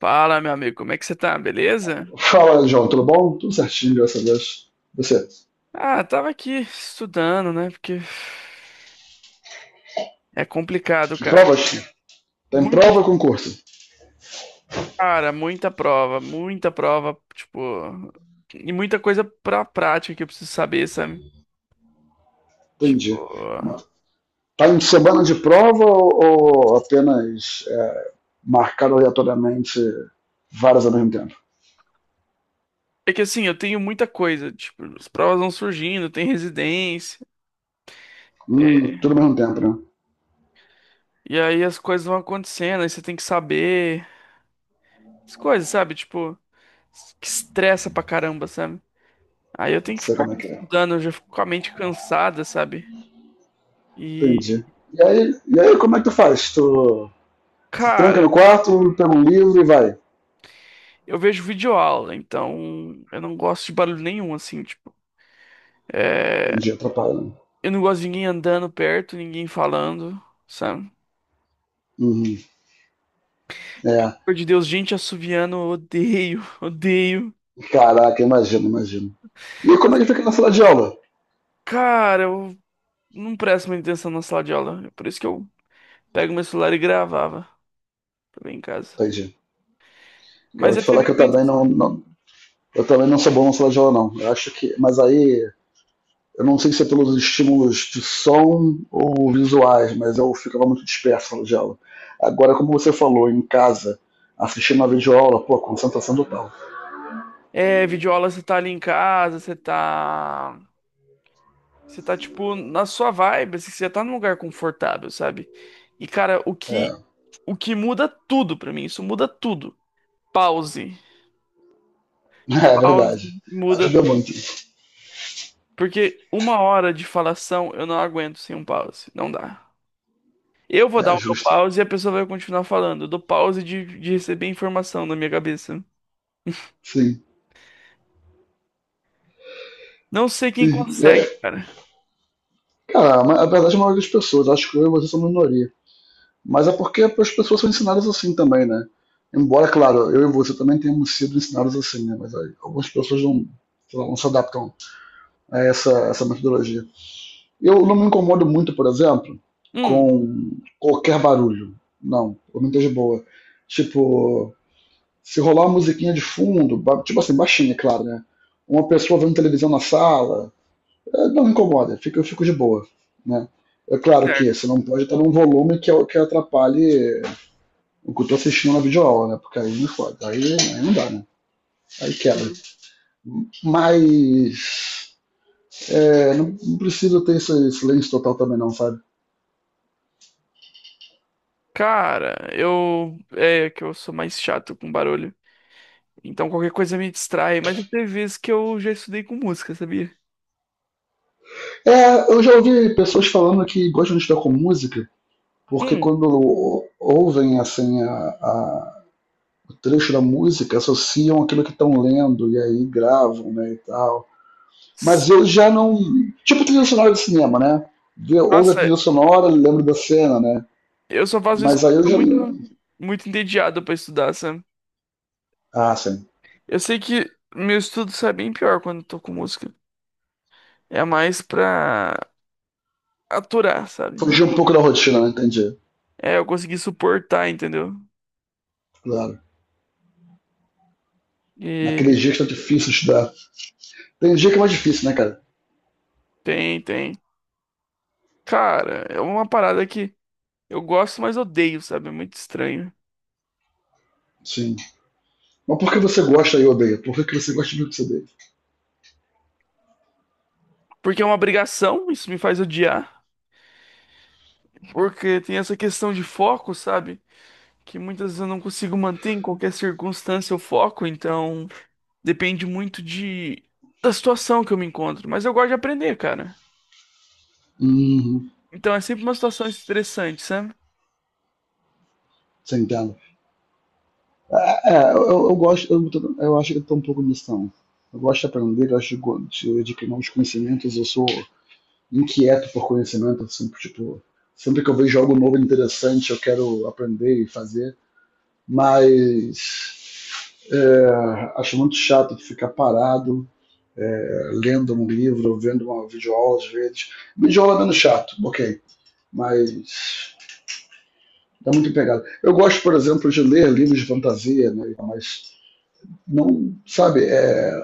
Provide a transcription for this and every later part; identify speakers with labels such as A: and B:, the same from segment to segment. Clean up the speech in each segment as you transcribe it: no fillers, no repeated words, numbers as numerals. A: Fala, meu amigo, como é que você tá? Beleza?
B: Fala, João, tudo bom? Tudo certinho, graças a Deus. Você?
A: Ah, tava aqui estudando, né? Porque é complicado, cara.
B: Provas? Tem prova
A: Muitas,
B: ou concurso?
A: cara, muita prova, tipo, e muita coisa pra prática que eu preciso saber, sabe? Tipo,
B: Entendi. Uma- Tá em semana de prova ou apenas marcado aleatoriamente várias ao mesmo tempo?
A: é que assim, eu tenho muita coisa, tipo, as provas vão surgindo, tem residência, é,
B: Tudo ao mesmo tempo, né?
A: e aí as coisas vão acontecendo, aí você tem que saber as coisas, sabe? Tipo, que estressa pra caramba, sabe? Aí eu tenho que
B: Sei
A: ficar
B: como é que é.
A: estudando, eu já fico com a mente cansada, sabe? E,
B: Entendi. E aí como é que tu faz? Tu se tranca no
A: cara,
B: quarto, pega um livro e vai.
A: eu vejo videoaula, então eu não gosto de barulho nenhum, assim, tipo. É,
B: Entendi, atrapalha, né?
A: eu não gosto de ninguém andando perto, ninguém falando, sabe?
B: Uhum. É,
A: Por de Deus, gente assoviando, eu odeio, odeio.
B: caraca, imagino, imagino. E como é que fica na sala de aula?
A: Cara, eu não presto muita atenção na sala de aula. É por isso que eu pego meu celular e gravava também em casa.
B: Entendi. Eu
A: Mas
B: vou
A: eu
B: te falar
A: teve
B: que eu também
A: vídeos.
B: não, eu também não sou bom na sala de aula, não. Eu acho que... Mas aí, eu não sei se é pelos estímulos de som ou visuais, mas eu ficava muito disperso na sala de aula. Agora, como você falou, em casa, assistindo uma videoaula, pô, concentração total.
A: É, videoaula, você tá ali em casa, você tá. Você tá, tipo, na sua vibe, assim, você já tá num lugar confortável, sabe? E, cara,
B: É,
A: o que muda tudo pra mim, isso muda tudo. Pause.
B: é
A: Pause
B: verdade.
A: muda.
B: Ajuda muito.
A: Porque uma hora de falação eu não aguento sem um pause. Não dá. Eu vou dar
B: É
A: o meu
B: justo.
A: pause e a pessoa vai continuar falando. Eu dou pause de receber informação na minha cabeça.
B: Sim.
A: Não sei quem
B: É,
A: consegue, cara.
B: cara, a verdade é a maioria das pessoas, acho que eu e você são minoria. Mas é porque as pessoas são ensinadas assim também, né? Embora, claro, eu e você também tenhamos sido ensinados assim, né? Mas aí, algumas pessoas não, sei lá, não se adaptam a essa metodologia. Eu não me incomodo muito, por exemplo,
A: Hum,
B: com qualquer barulho. Não, eu não tô de boa. Tipo, se rolar uma musiquinha de fundo, tipo assim, baixinha, é claro, né? Uma pessoa vendo televisão na sala, não me incomoda, eu fico de boa, né? É claro que
A: certo.
B: você não pode estar num volume que atrapalhe o que eu tô assistindo na videoaula, né? Porque aí me foda, aí não dá, né? Aí quebra.
A: Hum.
B: Mas é, não precisa ter esse silêncio total também não, sabe?
A: Cara, eu. É que eu sou mais chato com barulho. Então qualquer coisa me distrai, mas tem vezes que eu já estudei com música, sabia?
B: É, eu já ouvi pessoas falando que gostam de estar com música, porque
A: Hum.
B: quando ouvem assim o trecho da música, associam aquilo que estão lendo e aí gravam, né, e tal. Mas
A: s-
B: eu já não, tipo trilha sonora de cinema, né? Ouve a
A: Nossa,
B: trilha sonora, lembro da cena, né?
A: eu só faço isso
B: Mas
A: quando
B: aí
A: eu
B: eu
A: tô
B: já...
A: muito, muito entediado pra estudar, sabe?
B: ah, sim.
A: Eu sei que meu estudo sai bem pior quando eu tô com música. É mais pra aturar, sabe?
B: Fugir um pouco da rotina, né? Entendi.
A: É, eu consegui suportar, entendeu?
B: Claro. Naqueles
A: E
B: dias que tá difícil estudar. Tem dia que é mais difícil, né, cara?
A: tem, tem. Cara, é uma parada que eu gosto, mas odeio, sabe? É muito estranho.
B: Sim. Mas por que você gosta e odeia? Por que que você gosta de o que você odeia?
A: Porque é uma obrigação, isso me faz odiar. Porque tem essa questão de foco, sabe? Que muitas vezes eu não consigo manter em qualquer circunstância o foco, então depende muito de da situação que eu me encontro, mas eu gosto de aprender, cara.
B: Uhum.
A: Então é sempre uma situação estressante, sabe?
B: Você entende? Eu gosto, eu acho que eu tô um pouco nisso também. Eu gosto de aprender, eu acho que... de adquirir novos conhecimentos, eu sou inquieto por conhecimento, eu sempre, tipo, sempre que eu vejo algo novo e interessante, eu quero aprender e fazer, mas é, acho muito chato ficar parado lendo um livro, vendo uma videoaula às vezes. Videoaula é menos chato, ok, mas tá muito empregado. Eu gosto, por exemplo, de ler livros de fantasia, né? Mas não, sabe,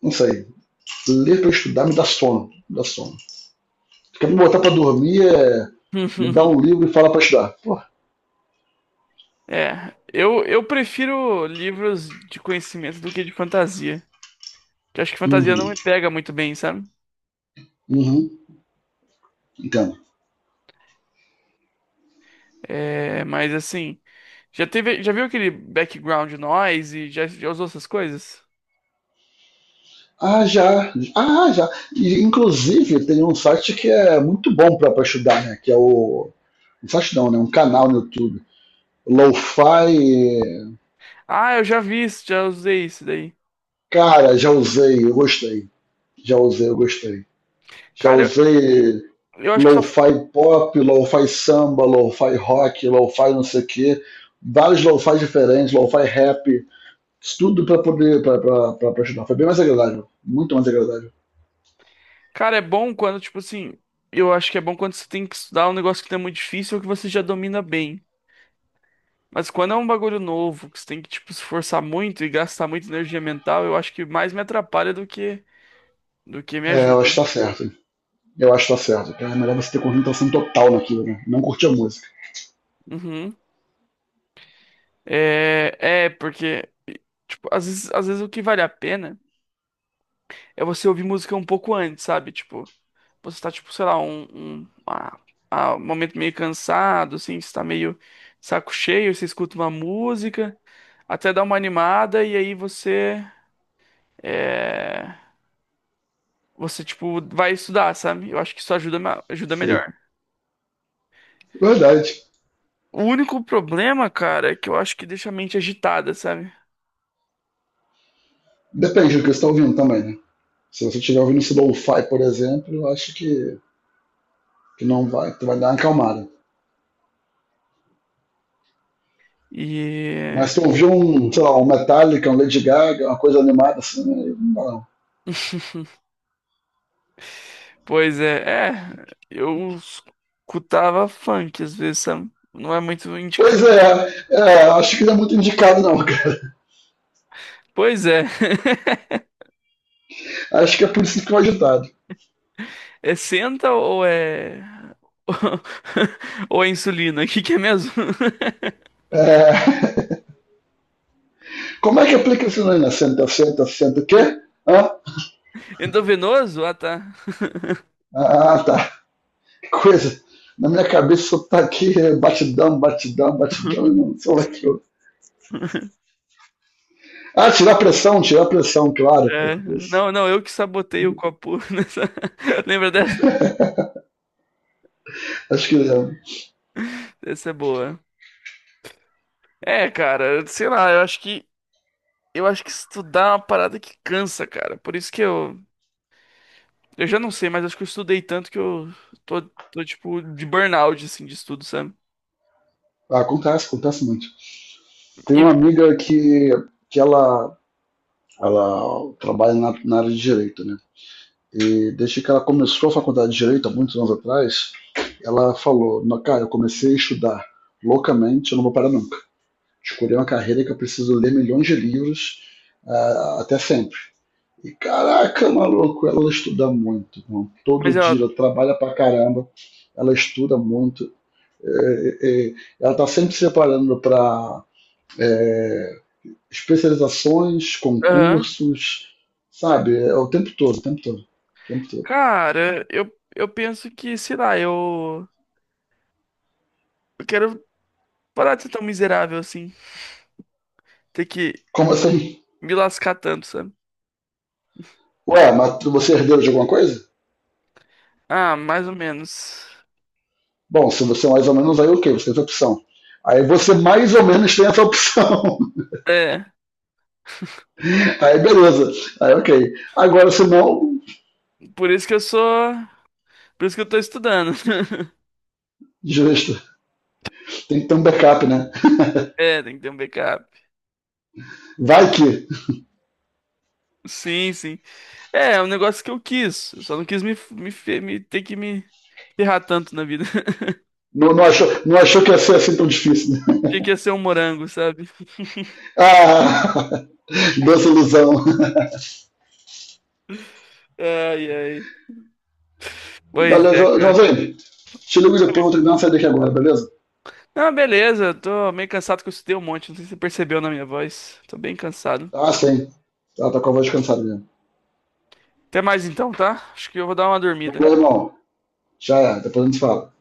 B: não sei, ler para estudar me dá sono, me dá sono. Quer me botar para dormir é me dá um livro e fala para estudar. Pô,
A: É, eu prefiro livros de conhecimento do que de fantasia. Que eu acho que fantasia
B: uhum,
A: não me pega muito bem, sabe?
B: uhum, entendo.
A: É, mas assim, já teve, já viu aquele background noise? Já, já usou essas coisas?
B: Ah, já, ah, já. E, inclusive, tem um site que é muito bom para estudar, né? Que é o... Um site não, né? Um canal no YouTube. Lo-fi.
A: Ah, eu já vi isso, já usei isso daí.
B: Cara, já usei, eu gostei. Já usei, eu gostei. Já
A: Cara,
B: usei
A: eu acho que só
B: lo-fi pop, lo-fi samba, lo-fi rock, lo-fi não sei o quê. Vários lo-fi diferentes, lo-fi rap. Isso tudo pra poder pra estudar. Foi bem mais agradável. Muito mais agradável.
A: cara, é bom quando, tipo assim, eu acho que é bom quando você tem que estudar um negócio que não é muito difícil ou que você já domina bem. Mas quando é um bagulho novo, que você tem que, tipo, se esforçar muito e gastar muita energia mental, eu acho que mais me atrapalha do que me
B: É, eu
A: ajuda.
B: acho que tá certo. Eu acho que tá certo. É melhor você ter concentração total naquilo, né? Não curtir a música.
A: Uhum. Porque, tipo, às vezes o que vale a pena é você ouvir música um pouco antes, sabe? Tipo, você tá, tipo, sei lá, um momento meio cansado, assim, você tá meio de saco cheio, você escuta uma música, até dá uma animada, e aí é, você, tipo, vai estudar, sabe? Eu acho que isso ajuda, ajuda
B: Sei.
A: melhor.
B: Verdade.
A: O único problema, cara, é que eu acho que deixa a mente agitada, sabe?
B: Depende do que você tá ouvindo também, né? Se você estiver ouvindo esse lo-fi, por exemplo, eu acho que não vai, tu vai dar uma acalmada.
A: E,
B: Mas tu ouviu um, sei lá, um Metallica, um Lady Gaga, uma coisa animada assim, né? Não dá não.
A: pois é, é, eu escutava funk às vezes, sabe? Não é muito
B: Pois
A: indicado.
B: é, é, acho que não é muito indicado não, cara.
A: Pois é.
B: Acho que é por isso que ficou agitado.
A: É senta ou é. Ou é insulina? O que que é mesmo?
B: É, como é que aplica isso aí, né? Senta, senta, senta, o quê? Hã?
A: Endovenoso? Ah, tá.
B: Ah, tá. Que coisa. Na minha cabeça só tá aqui batidão, batidão, batidão, e não sei lá que eu... Ah, tirar pressão, claro,
A: É,
B: porra. Isso.
A: não, não, eu que sabotei o copo nessa. Lembra dessa?
B: Acho que é,
A: Essa é boa. É, cara, sei lá, eu acho que. Eu acho que estudar é uma parada que cansa, cara. Por isso que eu. Eu já não sei, mas acho que eu estudei tanto que tô, tô tipo, de burnout, assim, de estudo, sabe?
B: acontece, acontece muito. Tem
A: E,
B: uma amiga que ela trabalha na área de direito, né? E desde que ela começou a faculdade de direito, há muitos anos atrás, ela falou: "Não, cara, eu comecei a estudar loucamente, eu não vou parar nunca. Escolhi uma carreira que eu preciso ler milhões de livros, ah, até sempre". E caraca, maluco, ela estuda muito, irmão. Todo
A: mas ela.
B: dia ela trabalha pra caramba, ela estuda muito. É, é, é, ela tá sempre se preparando pra é, especializações,
A: Aham.
B: concursos, sabe? É o tempo todo, o tempo todo, o tempo todo.
A: Cara, eu penso que, sei lá, eu. Eu quero. Parar de ser tão miserável assim. Ter que
B: Como assim?
A: me lascar tanto, sabe?
B: Ué, você é herdeiro de alguma coisa?
A: Ah, mais ou menos.
B: Bom, se você é mais ou menos, aí ok, você tem essa opção. Aí você mais ou menos tem essa opção.
A: É,
B: Aí beleza. Aí ok. Agora, se não,
A: por isso que eu sou. Por isso que eu tô estudando.
B: justo. Tem que ter um backup, né?
A: É, tem que ter um backup.
B: Vai que...
A: Sim, sim. É, é um negócio que eu quis. Eu só não quis me, me, fe- me ter que me ferrar tanto na vida.
B: Não, não achou, não achou que ia ser assim tão difícil, né?
A: Tinha que ser um morango, sabe?
B: Ah, doce ilusão.
A: Ai, ai. Pois
B: Valeu,
A: é, cara.
B: Joãozinho. Te ligo depois, vou ter que dar uma saída aqui agora, beleza?
A: Não, beleza. Eu tô meio cansado que eu estudei um monte. Não sei se você percebeu na minha voz. Tô bem cansado.
B: Tá sim. Ela tá com a voz cansada mesmo.
A: Até mais então, tá? Acho que eu vou dar uma dormida.
B: Valeu, irmão. Já é, depois a gente fala.